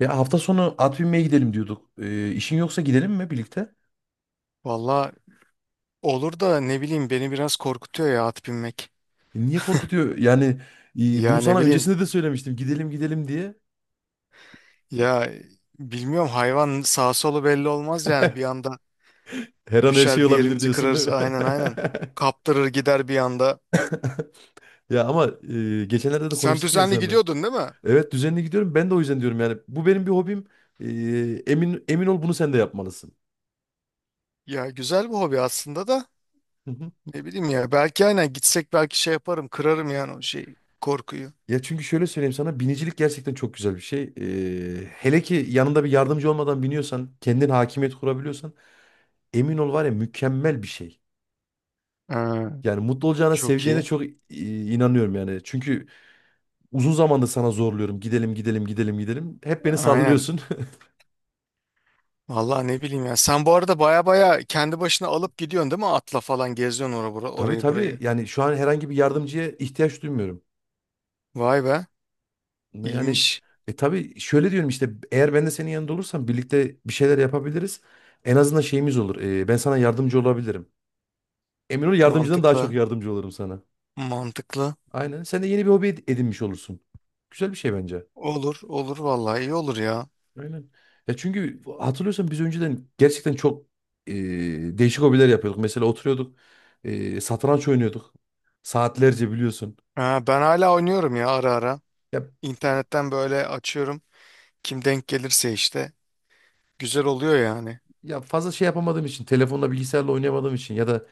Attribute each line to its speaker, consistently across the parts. Speaker 1: Ya hafta sonu at binmeye gidelim diyorduk. İşin yoksa gidelim mi birlikte?
Speaker 2: Valla olur da ne bileyim beni biraz korkutuyor ya at binmek.
Speaker 1: Niye korkutuyor? Yani, bunu
Speaker 2: Ya ne
Speaker 1: sana
Speaker 2: bileyim
Speaker 1: öncesinde de söylemiştim. Gidelim gidelim diye.
Speaker 2: ya bilmiyorum, hayvan sağ solu belli olmaz, yani bir anda
Speaker 1: Her an her şey
Speaker 2: düşer bir
Speaker 1: olabilir
Speaker 2: yerimizi
Speaker 1: diyorsun değil
Speaker 2: kırarız,
Speaker 1: mi?
Speaker 2: aynen aynen. Kaptırır gider bir anda.
Speaker 1: Ya ama, geçenlerde de
Speaker 2: Sen
Speaker 1: konuştuk ya
Speaker 2: düzenli
Speaker 1: seninle.
Speaker 2: gidiyordun değil mi?
Speaker 1: Evet, düzenli gidiyorum. Ben de o yüzden diyorum yani. Bu benim bir hobim. E, emin ol, bunu sen de yapmalısın.
Speaker 2: Ya güzel bir hobi aslında da
Speaker 1: Hı hı.
Speaker 2: ne bileyim ya, belki aynen gitsek belki şey yaparım, kırarım yani o şey korkuyu.
Speaker 1: Ya çünkü şöyle söyleyeyim sana, binicilik gerçekten çok güzel bir şey. Hele ki yanında bir yardımcı olmadan biniyorsan, kendin hakimiyet kurabiliyorsan, emin ol, var ya, mükemmel bir şey.
Speaker 2: Ha,
Speaker 1: Yani mutlu olacağına,
Speaker 2: çok
Speaker 1: seveceğine
Speaker 2: iyi.
Speaker 1: çok inanıyorum yani. Çünkü uzun zamandır sana zorluyorum. Gidelim, gidelim, gidelim, gidelim. Hep beni
Speaker 2: Aynen.
Speaker 1: sallıyorsun.
Speaker 2: Valla ne bileyim ya. Sen bu arada baya baya kendi başına alıp gidiyorsun değil mi? Atla falan geziyorsun orayı,
Speaker 1: Tabii tabii.
Speaker 2: burayı.
Speaker 1: Yani şu an herhangi bir yardımcıya ihtiyaç duymuyorum.
Speaker 2: Vay be.
Speaker 1: Yani
Speaker 2: İyiymiş.
Speaker 1: e tabii şöyle diyorum işte, eğer ben de senin yanında olursam birlikte bir şeyler yapabiliriz. En azından şeyimiz olur. Ben sana yardımcı olabilirim. Emin ol, yardımcıdan daha çok
Speaker 2: Mantıklı.
Speaker 1: yardımcı olurum sana.
Speaker 2: Mantıklı.
Speaker 1: Aynen. Sen de yeni bir hobi edinmiş olursun. Güzel bir şey bence.
Speaker 2: Olur. Olur vallahi, iyi olur ya.
Speaker 1: Aynen. Ya çünkü hatırlıyorsan biz önceden gerçekten çok e, değişik hobiler yapıyorduk. Mesela oturuyorduk, satranç oynuyorduk. Saatlerce biliyorsun.
Speaker 2: Ha, ben hala oynuyorum ya ara ara.
Speaker 1: Ya
Speaker 2: İnternetten böyle açıyorum. Kim denk gelirse işte. Güzel oluyor yani.
Speaker 1: ya, fazla şey yapamadığım için, telefonla bilgisayarla oynayamadığım için ya da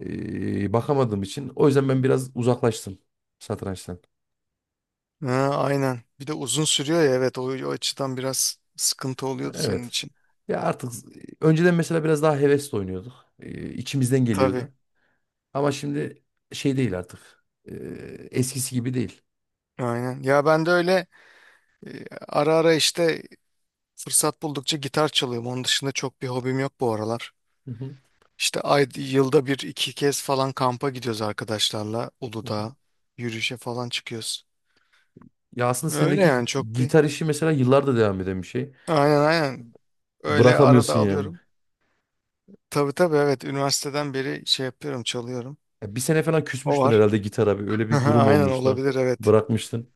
Speaker 1: bakamadığım için o yüzden ben biraz uzaklaştım satrançtan.
Speaker 2: Ha, aynen. Bir de uzun sürüyor ya, evet o açıdan biraz sıkıntı oluyordu senin
Speaker 1: Evet.
Speaker 2: için.
Speaker 1: Ya artık önceden mesela biraz daha hevesle oynuyorduk. İçimizden
Speaker 2: Tabii.
Speaker 1: geliyordu. Ama şimdi şey değil artık. Eskisi gibi değil.
Speaker 2: Aynen. Ya ben de öyle ara ara işte fırsat buldukça gitar çalıyorum. Onun dışında çok bir hobim yok bu aralar.
Speaker 1: Hı hı.
Speaker 2: İşte ay, yılda bir iki kez falan kampa gidiyoruz arkadaşlarla. Uludağ yürüyüşe falan çıkıyoruz.
Speaker 1: Ya aslında
Speaker 2: Öyle
Speaker 1: sendeki
Speaker 2: yani, çok bir.
Speaker 1: gitar işi mesela yıllardır devam eden bir şey.
Speaker 2: Aynen aynen. Öyle arada
Speaker 1: Bırakamıyorsun yani.
Speaker 2: alıyorum. Tabii tabii, evet üniversiteden beri şey yapıyorum, çalıyorum.
Speaker 1: Ya bir sene falan
Speaker 2: O
Speaker 1: küsmüştün
Speaker 2: var.
Speaker 1: herhalde gitara bir. Öyle bir durum
Speaker 2: Aynen,
Speaker 1: olmuştu.
Speaker 2: olabilir evet.
Speaker 1: Bırakmıştın.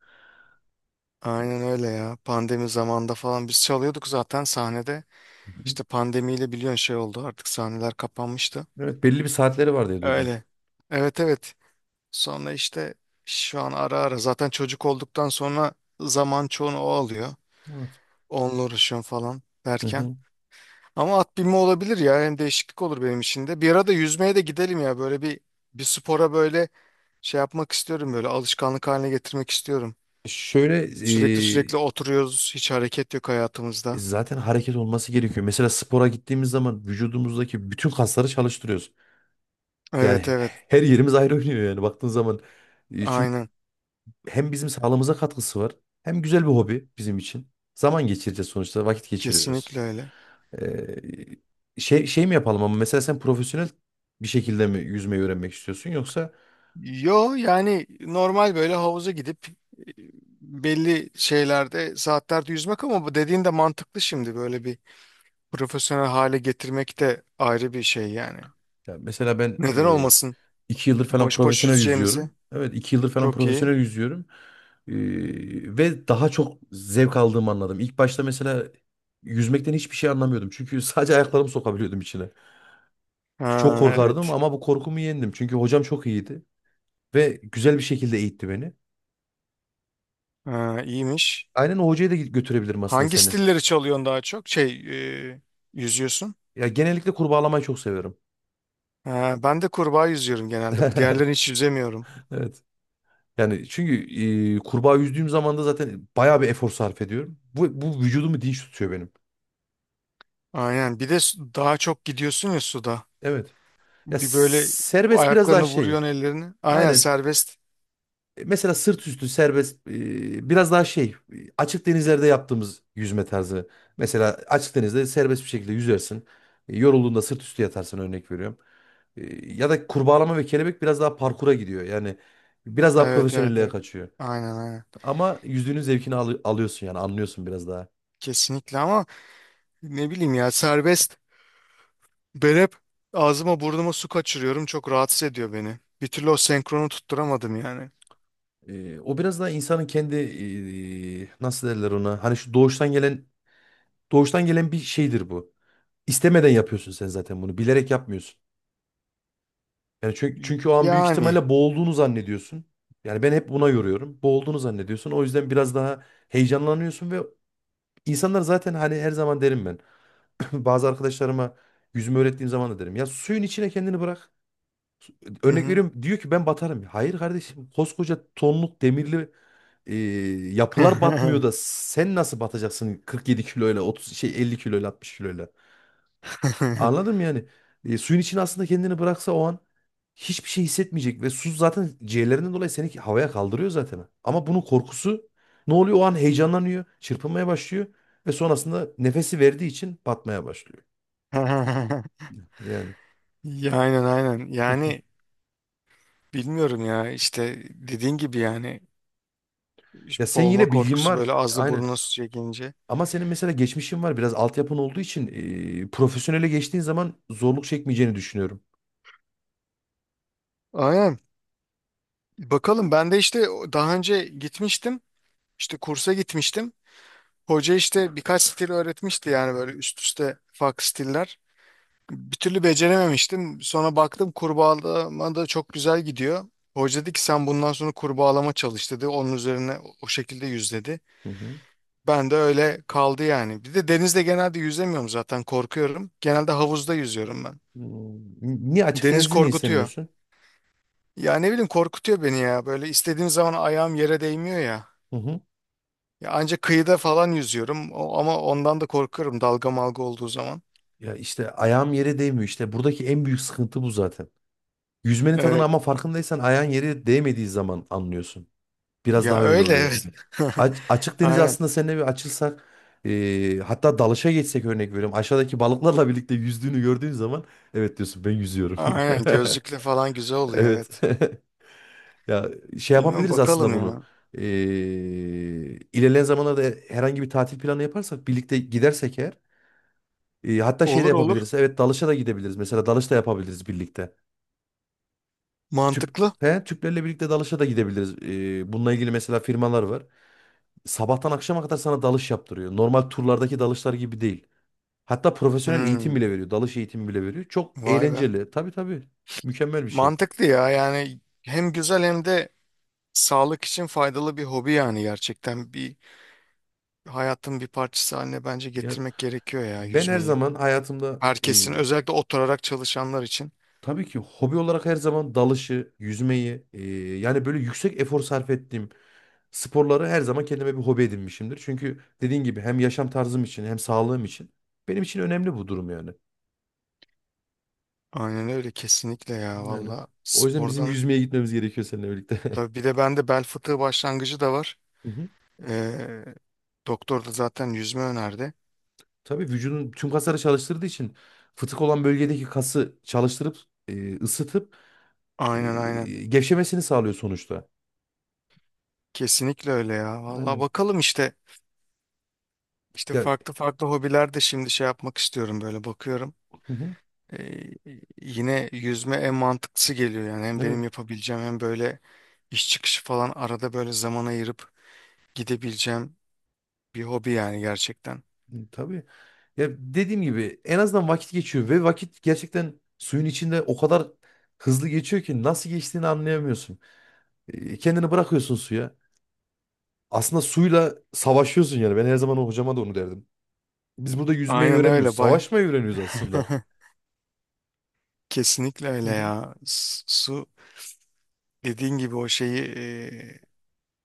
Speaker 2: Aynen öyle ya. Pandemi zamanında falan biz çalıyorduk zaten sahnede.
Speaker 1: Hı hı.
Speaker 2: İşte pandemiyle biliyorsun şey oldu, artık sahneler kapanmıştı.
Speaker 1: Evet, belli bir saatleri var diye duydum.
Speaker 2: Öyle. Evet evet. Sonra işte şu an ara ara zaten çocuk olduktan sonra zaman çoğunu o alıyor.
Speaker 1: Evet.
Speaker 2: Onunla uğraşıyorum falan
Speaker 1: Hı
Speaker 2: derken.
Speaker 1: hı.
Speaker 2: Ama at binme olabilir ya, hem değişiklik olur benim için de. Bir ara da yüzmeye de gidelim ya, böyle bir bir spora böyle şey yapmak istiyorum, böyle alışkanlık haline getirmek istiyorum.
Speaker 1: Şöyle
Speaker 2: Sürekli
Speaker 1: e,
Speaker 2: sürekli oturuyoruz, hiç hareket yok hayatımızda.
Speaker 1: zaten hareket olması gerekiyor. Mesela spora gittiğimiz zaman vücudumuzdaki bütün kasları çalıştırıyoruz.
Speaker 2: Evet
Speaker 1: Yani
Speaker 2: evet,
Speaker 1: her yerimiz ayrı oynuyor yani baktığın zaman. Çünkü
Speaker 2: aynen,
Speaker 1: hem bizim sağlığımıza katkısı var, hem güzel bir hobi bizim için. Zaman geçireceğiz sonuçta, vakit geçiriyoruz.
Speaker 2: kesinlikle öyle.
Speaker 1: Şey mi yapalım ama mesela, sen profesyonel bir şekilde mi yüzmeyi öğrenmek istiyorsun yoksa?
Speaker 2: Yo yani normal böyle havuza gidip e, belli şeylerde, saatlerde yüzmek, ama bu dediğin de mantıklı şimdi, böyle bir profesyonel hale getirmek de ayrı bir şey yani.
Speaker 1: ya mesela ben
Speaker 2: Neden
Speaker 1: e,
Speaker 2: olmasın?
Speaker 1: iki yıldır falan
Speaker 2: Boş boş
Speaker 1: profesyonel
Speaker 2: yüzeceğimizi.
Speaker 1: yüzüyorum. Evet, iki yıldır falan
Speaker 2: Çok iyi.
Speaker 1: profesyonel yüzüyorum. Ve daha çok zevk aldığımı anladım. İlk başta mesela yüzmekten hiçbir şey anlamıyordum. Çünkü sadece ayaklarımı sokabiliyordum içine. Çok
Speaker 2: Ha,
Speaker 1: korkardım
Speaker 2: evet.
Speaker 1: ama bu korkumu yendim. Çünkü hocam çok iyiydi ve güzel bir şekilde eğitti beni.
Speaker 2: Ha, iyiymiş.
Speaker 1: Aynen, o hocaya da götürebilirim aslında
Speaker 2: Hangi
Speaker 1: seni.
Speaker 2: stilleri çalıyorsun daha çok? Şey, e, yüzüyorsun.
Speaker 1: Ya genellikle kurbağalamayı çok seviyorum.
Speaker 2: Ha, ben de kurbağa yüzüyorum genelde. Diğerlerini hiç yüzemiyorum.
Speaker 1: Evet. Yani çünkü, kurbağa yüzdüğüm zaman da zaten bayağı bir efor sarf ediyorum. Bu vücudumu dinç tutuyor benim.
Speaker 2: Aynen. Bir de su- daha çok gidiyorsun ya suda.
Speaker 1: Evet. Ya
Speaker 2: Bir böyle
Speaker 1: serbest biraz daha
Speaker 2: ayaklarını
Speaker 1: şey.
Speaker 2: vuruyorsun, ellerini. Aynen,
Speaker 1: Aynen.
Speaker 2: serbest.
Speaker 1: Mesela sırt üstü serbest, biraz daha şey. Açık denizlerde yaptığımız yüzme tarzı. Mesela açık denizde serbest bir şekilde yüzersin. Yorulduğunda sırt üstü yatarsın, örnek veriyorum. Ya da kurbağalama ve kelebek biraz daha parkura gidiyor. Yani biraz daha
Speaker 2: Evet evet
Speaker 1: profesyonelliğe
Speaker 2: evet.
Speaker 1: kaçıyor.
Speaker 2: Aynen aynen.
Speaker 1: Ama yüzdüğünün zevkini alıyorsun yani, anlıyorsun biraz daha.
Speaker 2: Kesinlikle, ama ne bileyim ya, serbest. Ben hep ağzıma burnuma su kaçırıyorum. Çok rahatsız ediyor beni. Bir türlü o senkronu tutturamadım yani.
Speaker 1: O biraz daha insanın kendi, nasıl derler ona? Hani şu doğuştan gelen, doğuştan gelen bir şeydir bu. İstemeden yapıyorsun sen zaten bunu. Bilerek yapmıyorsun. Yani çünkü o an büyük
Speaker 2: Yani.
Speaker 1: ihtimalle boğulduğunu zannediyorsun. Yani ben hep buna yoruyorum. Boğulduğunu zannediyorsun. O yüzden biraz daha heyecanlanıyorsun ve insanlar zaten hani, her zaman derim ben. Bazı arkadaşlarıma yüzme öğrettiğim zaman da derim. Ya suyun içine kendini bırak.
Speaker 2: Hı
Speaker 1: Örnek
Speaker 2: hı.
Speaker 1: veriyorum, diyor ki ben batarım. Hayır kardeşim, koskoca tonluk demirli e, yapılar batmıyor da sen nasıl batacaksın 47 kiloyla, 30 şey 50 kiloyla, 60 kiloyla? Anladım yani. Suyun içine aslında kendini bıraksa o an hiçbir şey hissetmeyecek ve su zaten ciğerlerinden dolayı seni havaya kaldırıyor zaten. Ama bunun korkusu ne oluyor? O an heyecanlanıyor, çırpınmaya başlıyor ve sonrasında nefesi verdiği için batmaya başlıyor. Yani.
Speaker 2: Ya, aynen aynen. Yani bilmiyorum ya, işte dediğin gibi yani
Speaker 1: Ya sen
Speaker 2: boğulma
Speaker 1: yine, bilgin
Speaker 2: korkusu
Speaker 1: var.
Speaker 2: böyle ağızla
Speaker 1: Aynen.
Speaker 2: burnuna su çekince.
Speaker 1: Ama senin mesela geçmişin var. Biraz altyapın olduğu için profesyonele geçtiğin zaman zorluk çekmeyeceğini düşünüyorum.
Speaker 2: Aynen. Bakalım, ben de işte daha önce gitmiştim. İşte kursa gitmiştim. Hoca işte birkaç stil öğretmişti yani böyle üst üste farklı stiller. Bir türlü becerememiştim. Sonra baktım kurbağalama da çok güzel gidiyor. Hoca dedi ki sen bundan sonra kurbağalama çalış dedi. Onun üzerine o şekilde yüz dedi.
Speaker 1: Hı hı.
Speaker 2: Ben de öyle kaldı yani. Bir de denizde genelde yüzemiyorum, zaten korkuyorum. Genelde havuzda yüzüyorum ben.
Speaker 1: Hmm. Niye açık
Speaker 2: Deniz
Speaker 1: denizi niye
Speaker 2: korkutuyor.
Speaker 1: sevmiyorsun?
Speaker 2: Ya ne bileyim, korkutuyor beni ya. Böyle istediğim zaman ayağım yere değmiyor ya.
Speaker 1: Hı hı.
Speaker 2: Ya ancak kıyıda falan yüzüyorum, O- ama ondan da korkarım dalga malga olduğu zaman.
Speaker 1: Ya işte ayağım yere değmiyor işte. Buradaki en büyük sıkıntı bu zaten. Yüzmenin tadını
Speaker 2: Evet.
Speaker 1: ama farkındaysan ayağın yere değmediği zaman anlıyorsun. Biraz
Speaker 2: Ya
Speaker 1: daha öyle
Speaker 2: öyle,
Speaker 1: oluyor.
Speaker 2: evet.
Speaker 1: Açık deniz
Speaker 2: Aynen.
Speaker 1: aslında seninle bir açılsak, hatta dalışa geçsek, örnek veriyorum. Aşağıdaki balıklarla birlikte yüzdüğünü gördüğün zaman evet diyorsun, ben yüzüyorum.
Speaker 2: Aynen, gözlükle falan güzel oluyor
Speaker 1: Evet.
Speaker 2: evet.
Speaker 1: Ya şey
Speaker 2: Bilmiyorum,
Speaker 1: yapabiliriz aslında
Speaker 2: bakalım
Speaker 1: bunu.
Speaker 2: ya.
Speaker 1: Ee, ilerleyen zamanlarda herhangi bir tatil planı yaparsak, birlikte gidersek eğer, hatta şey de
Speaker 2: Olur olur.
Speaker 1: yapabiliriz. Evet, dalışa da gidebiliriz. Mesela dalış da yapabiliriz birlikte. Tüp,
Speaker 2: Mantıklı.
Speaker 1: he, Tüplerle birlikte dalışa da gidebiliriz. Bununla ilgili mesela firmalar var. Sabahtan akşama kadar sana dalış yaptırıyor. Normal turlardaki dalışlar gibi değil. Hatta profesyonel eğitim
Speaker 2: Hmm.
Speaker 1: bile veriyor. Dalış eğitimi bile veriyor. Çok
Speaker 2: Vay be.
Speaker 1: eğlenceli. Tabii tabii. Mükemmel bir şey.
Speaker 2: Mantıklı ya, yani hem güzel hem de sağlık için faydalı bir hobi yani, gerçekten bir hayatın bir parçası haline bence
Speaker 1: Ya
Speaker 2: getirmek gerekiyor ya
Speaker 1: ben her
Speaker 2: yüzmeyi.
Speaker 1: zaman hayatımda
Speaker 2: Herkesin,
Speaker 1: e,
Speaker 2: özellikle oturarak çalışanlar için.
Speaker 1: Tabii ki hobi olarak her zaman dalışı, yüzmeyi, yani böyle yüksek efor sarf ettiğim sporları her zaman kendime bir hobi edinmişimdir. Çünkü dediğin gibi hem yaşam tarzım için, hem sağlığım için benim için önemli bu durum yani.
Speaker 2: Aynen öyle, kesinlikle ya
Speaker 1: Yani
Speaker 2: valla
Speaker 1: o yüzden bizim
Speaker 2: spordan.
Speaker 1: yüzmeye gitmemiz gerekiyor seninle birlikte.
Speaker 2: Tabii bir de bende bel fıtığı başlangıcı da var.
Speaker 1: Hı hı.
Speaker 2: Ee, Doktor da zaten yüzme önerdi.
Speaker 1: Tabii, vücudun tüm kasları çalıştırdığı için fıtık olan bölgedeki kası çalıştırıp, ısıtıp, e,
Speaker 2: Aynen aynen.
Speaker 1: gevşemesini sağlıyor sonuçta.
Speaker 2: Kesinlikle öyle ya. Vallahi
Speaker 1: Yani
Speaker 2: bakalım işte. İşte
Speaker 1: ya
Speaker 2: farklı farklı hobiler de şimdi şey yapmak istiyorum, böyle bakıyorum.
Speaker 1: hı hı,
Speaker 2: Ee, Yine yüzme en mantıklısı geliyor yani. Hem benim
Speaker 1: evet
Speaker 2: yapabileceğim hem böyle iş çıkışı falan arada böyle zaman ayırıp gidebileceğim bir hobi yani gerçekten.
Speaker 1: tabii. Ya dediğim gibi en azından vakit geçiyor ve vakit gerçekten suyun içinde o kadar hızlı geçiyor ki nasıl geçtiğini anlayamıyorsun. Kendini bırakıyorsun suya. Aslında suyla savaşıyorsun yani. Ben her zaman o hocama da onu derdim. Biz burada yüzmeyi
Speaker 2: Aynen
Speaker 1: öğrenmiyoruz.
Speaker 2: öyle, bay.
Speaker 1: Savaşmayı öğreniyoruz aslında.
Speaker 2: Kesinlikle
Speaker 1: Hı
Speaker 2: öyle
Speaker 1: hı.
Speaker 2: ya. S- su dediğin gibi o şeyi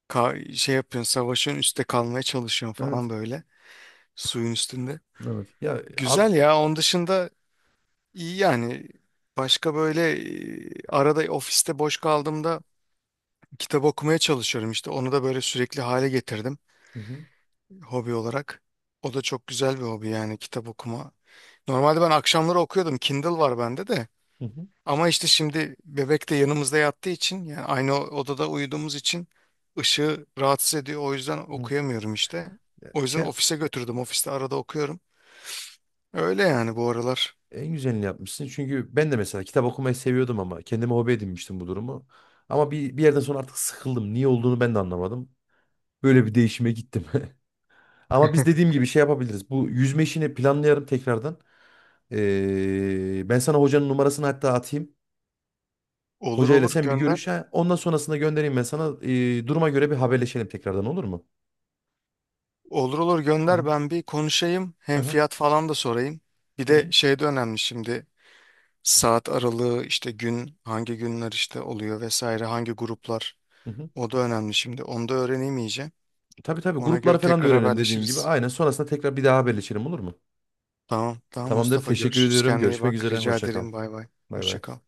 Speaker 2: ka- şey yapıyorsun, savaşın, üstte kalmaya çalışıyorsun
Speaker 1: Evet.
Speaker 2: falan, böyle suyun üstünde.
Speaker 1: Evet. Ya at.
Speaker 2: Güzel ya. Onun dışında iyi yani. Başka böyle arada ofiste boş kaldığımda kitap okumaya çalışıyorum işte. Onu da böyle sürekli hale getirdim
Speaker 1: Hı hı,
Speaker 2: hobi olarak. O da çok güzel bir hobi yani, kitap okuma. Normalde ben akşamları okuyordum. Kindle var bende de.
Speaker 1: hı hı.
Speaker 2: Ama işte şimdi bebek de yanımızda yattığı için, yani aynı odada uyuduğumuz için ışığı rahatsız ediyor. O yüzden
Speaker 1: Evet.
Speaker 2: okuyamıyorum işte.
Speaker 1: Ya
Speaker 2: O yüzden
Speaker 1: şey,
Speaker 2: ofise götürdüm. Ofiste arada okuyorum. Öyle yani bu aralar.
Speaker 1: en güzelini yapmışsın. Çünkü ben de mesela kitap okumayı seviyordum ama kendime hobi edinmiştim bu durumu. Ama bir yerden sonra artık sıkıldım. Niye olduğunu ben de anlamadım. Böyle bir değişime gittim. Ama biz dediğim gibi şey yapabiliriz. Bu yüzme işini planlayalım tekrardan. Ben sana hocanın numarasını hatta atayım.
Speaker 2: Olur
Speaker 1: Hocayla
Speaker 2: olur,
Speaker 1: sen bir
Speaker 2: gönder.
Speaker 1: görüş. Ha, ondan sonrasında göndereyim ben sana. Duruma göre bir haberleşelim tekrardan, olur mu?
Speaker 2: Olur olur,
Speaker 1: Hı
Speaker 2: gönder,
Speaker 1: hı.
Speaker 2: ben bir konuşayım. Hem
Speaker 1: Hı
Speaker 2: fiyat falan da sorayım. Bir
Speaker 1: Hı hı.
Speaker 2: de şey de önemli şimdi. Saat aralığı, işte gün, hangi günler işte oluyor vesaire, hangi gruplar.
Speaker 1: Hı hı.
Speaker 2: O da önemli şimdi. Onu da öğreneyim iyice.
Speaker 1: Tabii tabii,
Speaker 2: Ona
Speaker 1: grupları
Speaker 2: göre
Speaker 1: falan da
Speaker 2: tekrar
Speaker 1: öğrenelim dediğin gibi.
Speaker 2: haberleşiriz.
Speaker 1: Aynen, sonrasında tekrar bir daha haberleşelim, olur mu?
Speaker 2: Tamam. Tamam
Speaker 1: Tamamdır.
Speaker 2: Mustafa,
Speaker 1: Teşekkür
Speaker 2: görüşürüz.
Speaker 1: ediyorum.
Speaker 2: Kendine iyi
Speaker 1: Görüşmek
Speaker 2: bak.
Speaker 1: üzere.
Speaker 2: Rica
Speaker 1: Hoşça kal.
Speaker 2: ederim. Bay bay.
Speaker 1: Bay
Speaker 2: Hoşça
Speaker 1: bay.
Speaker 2: kal.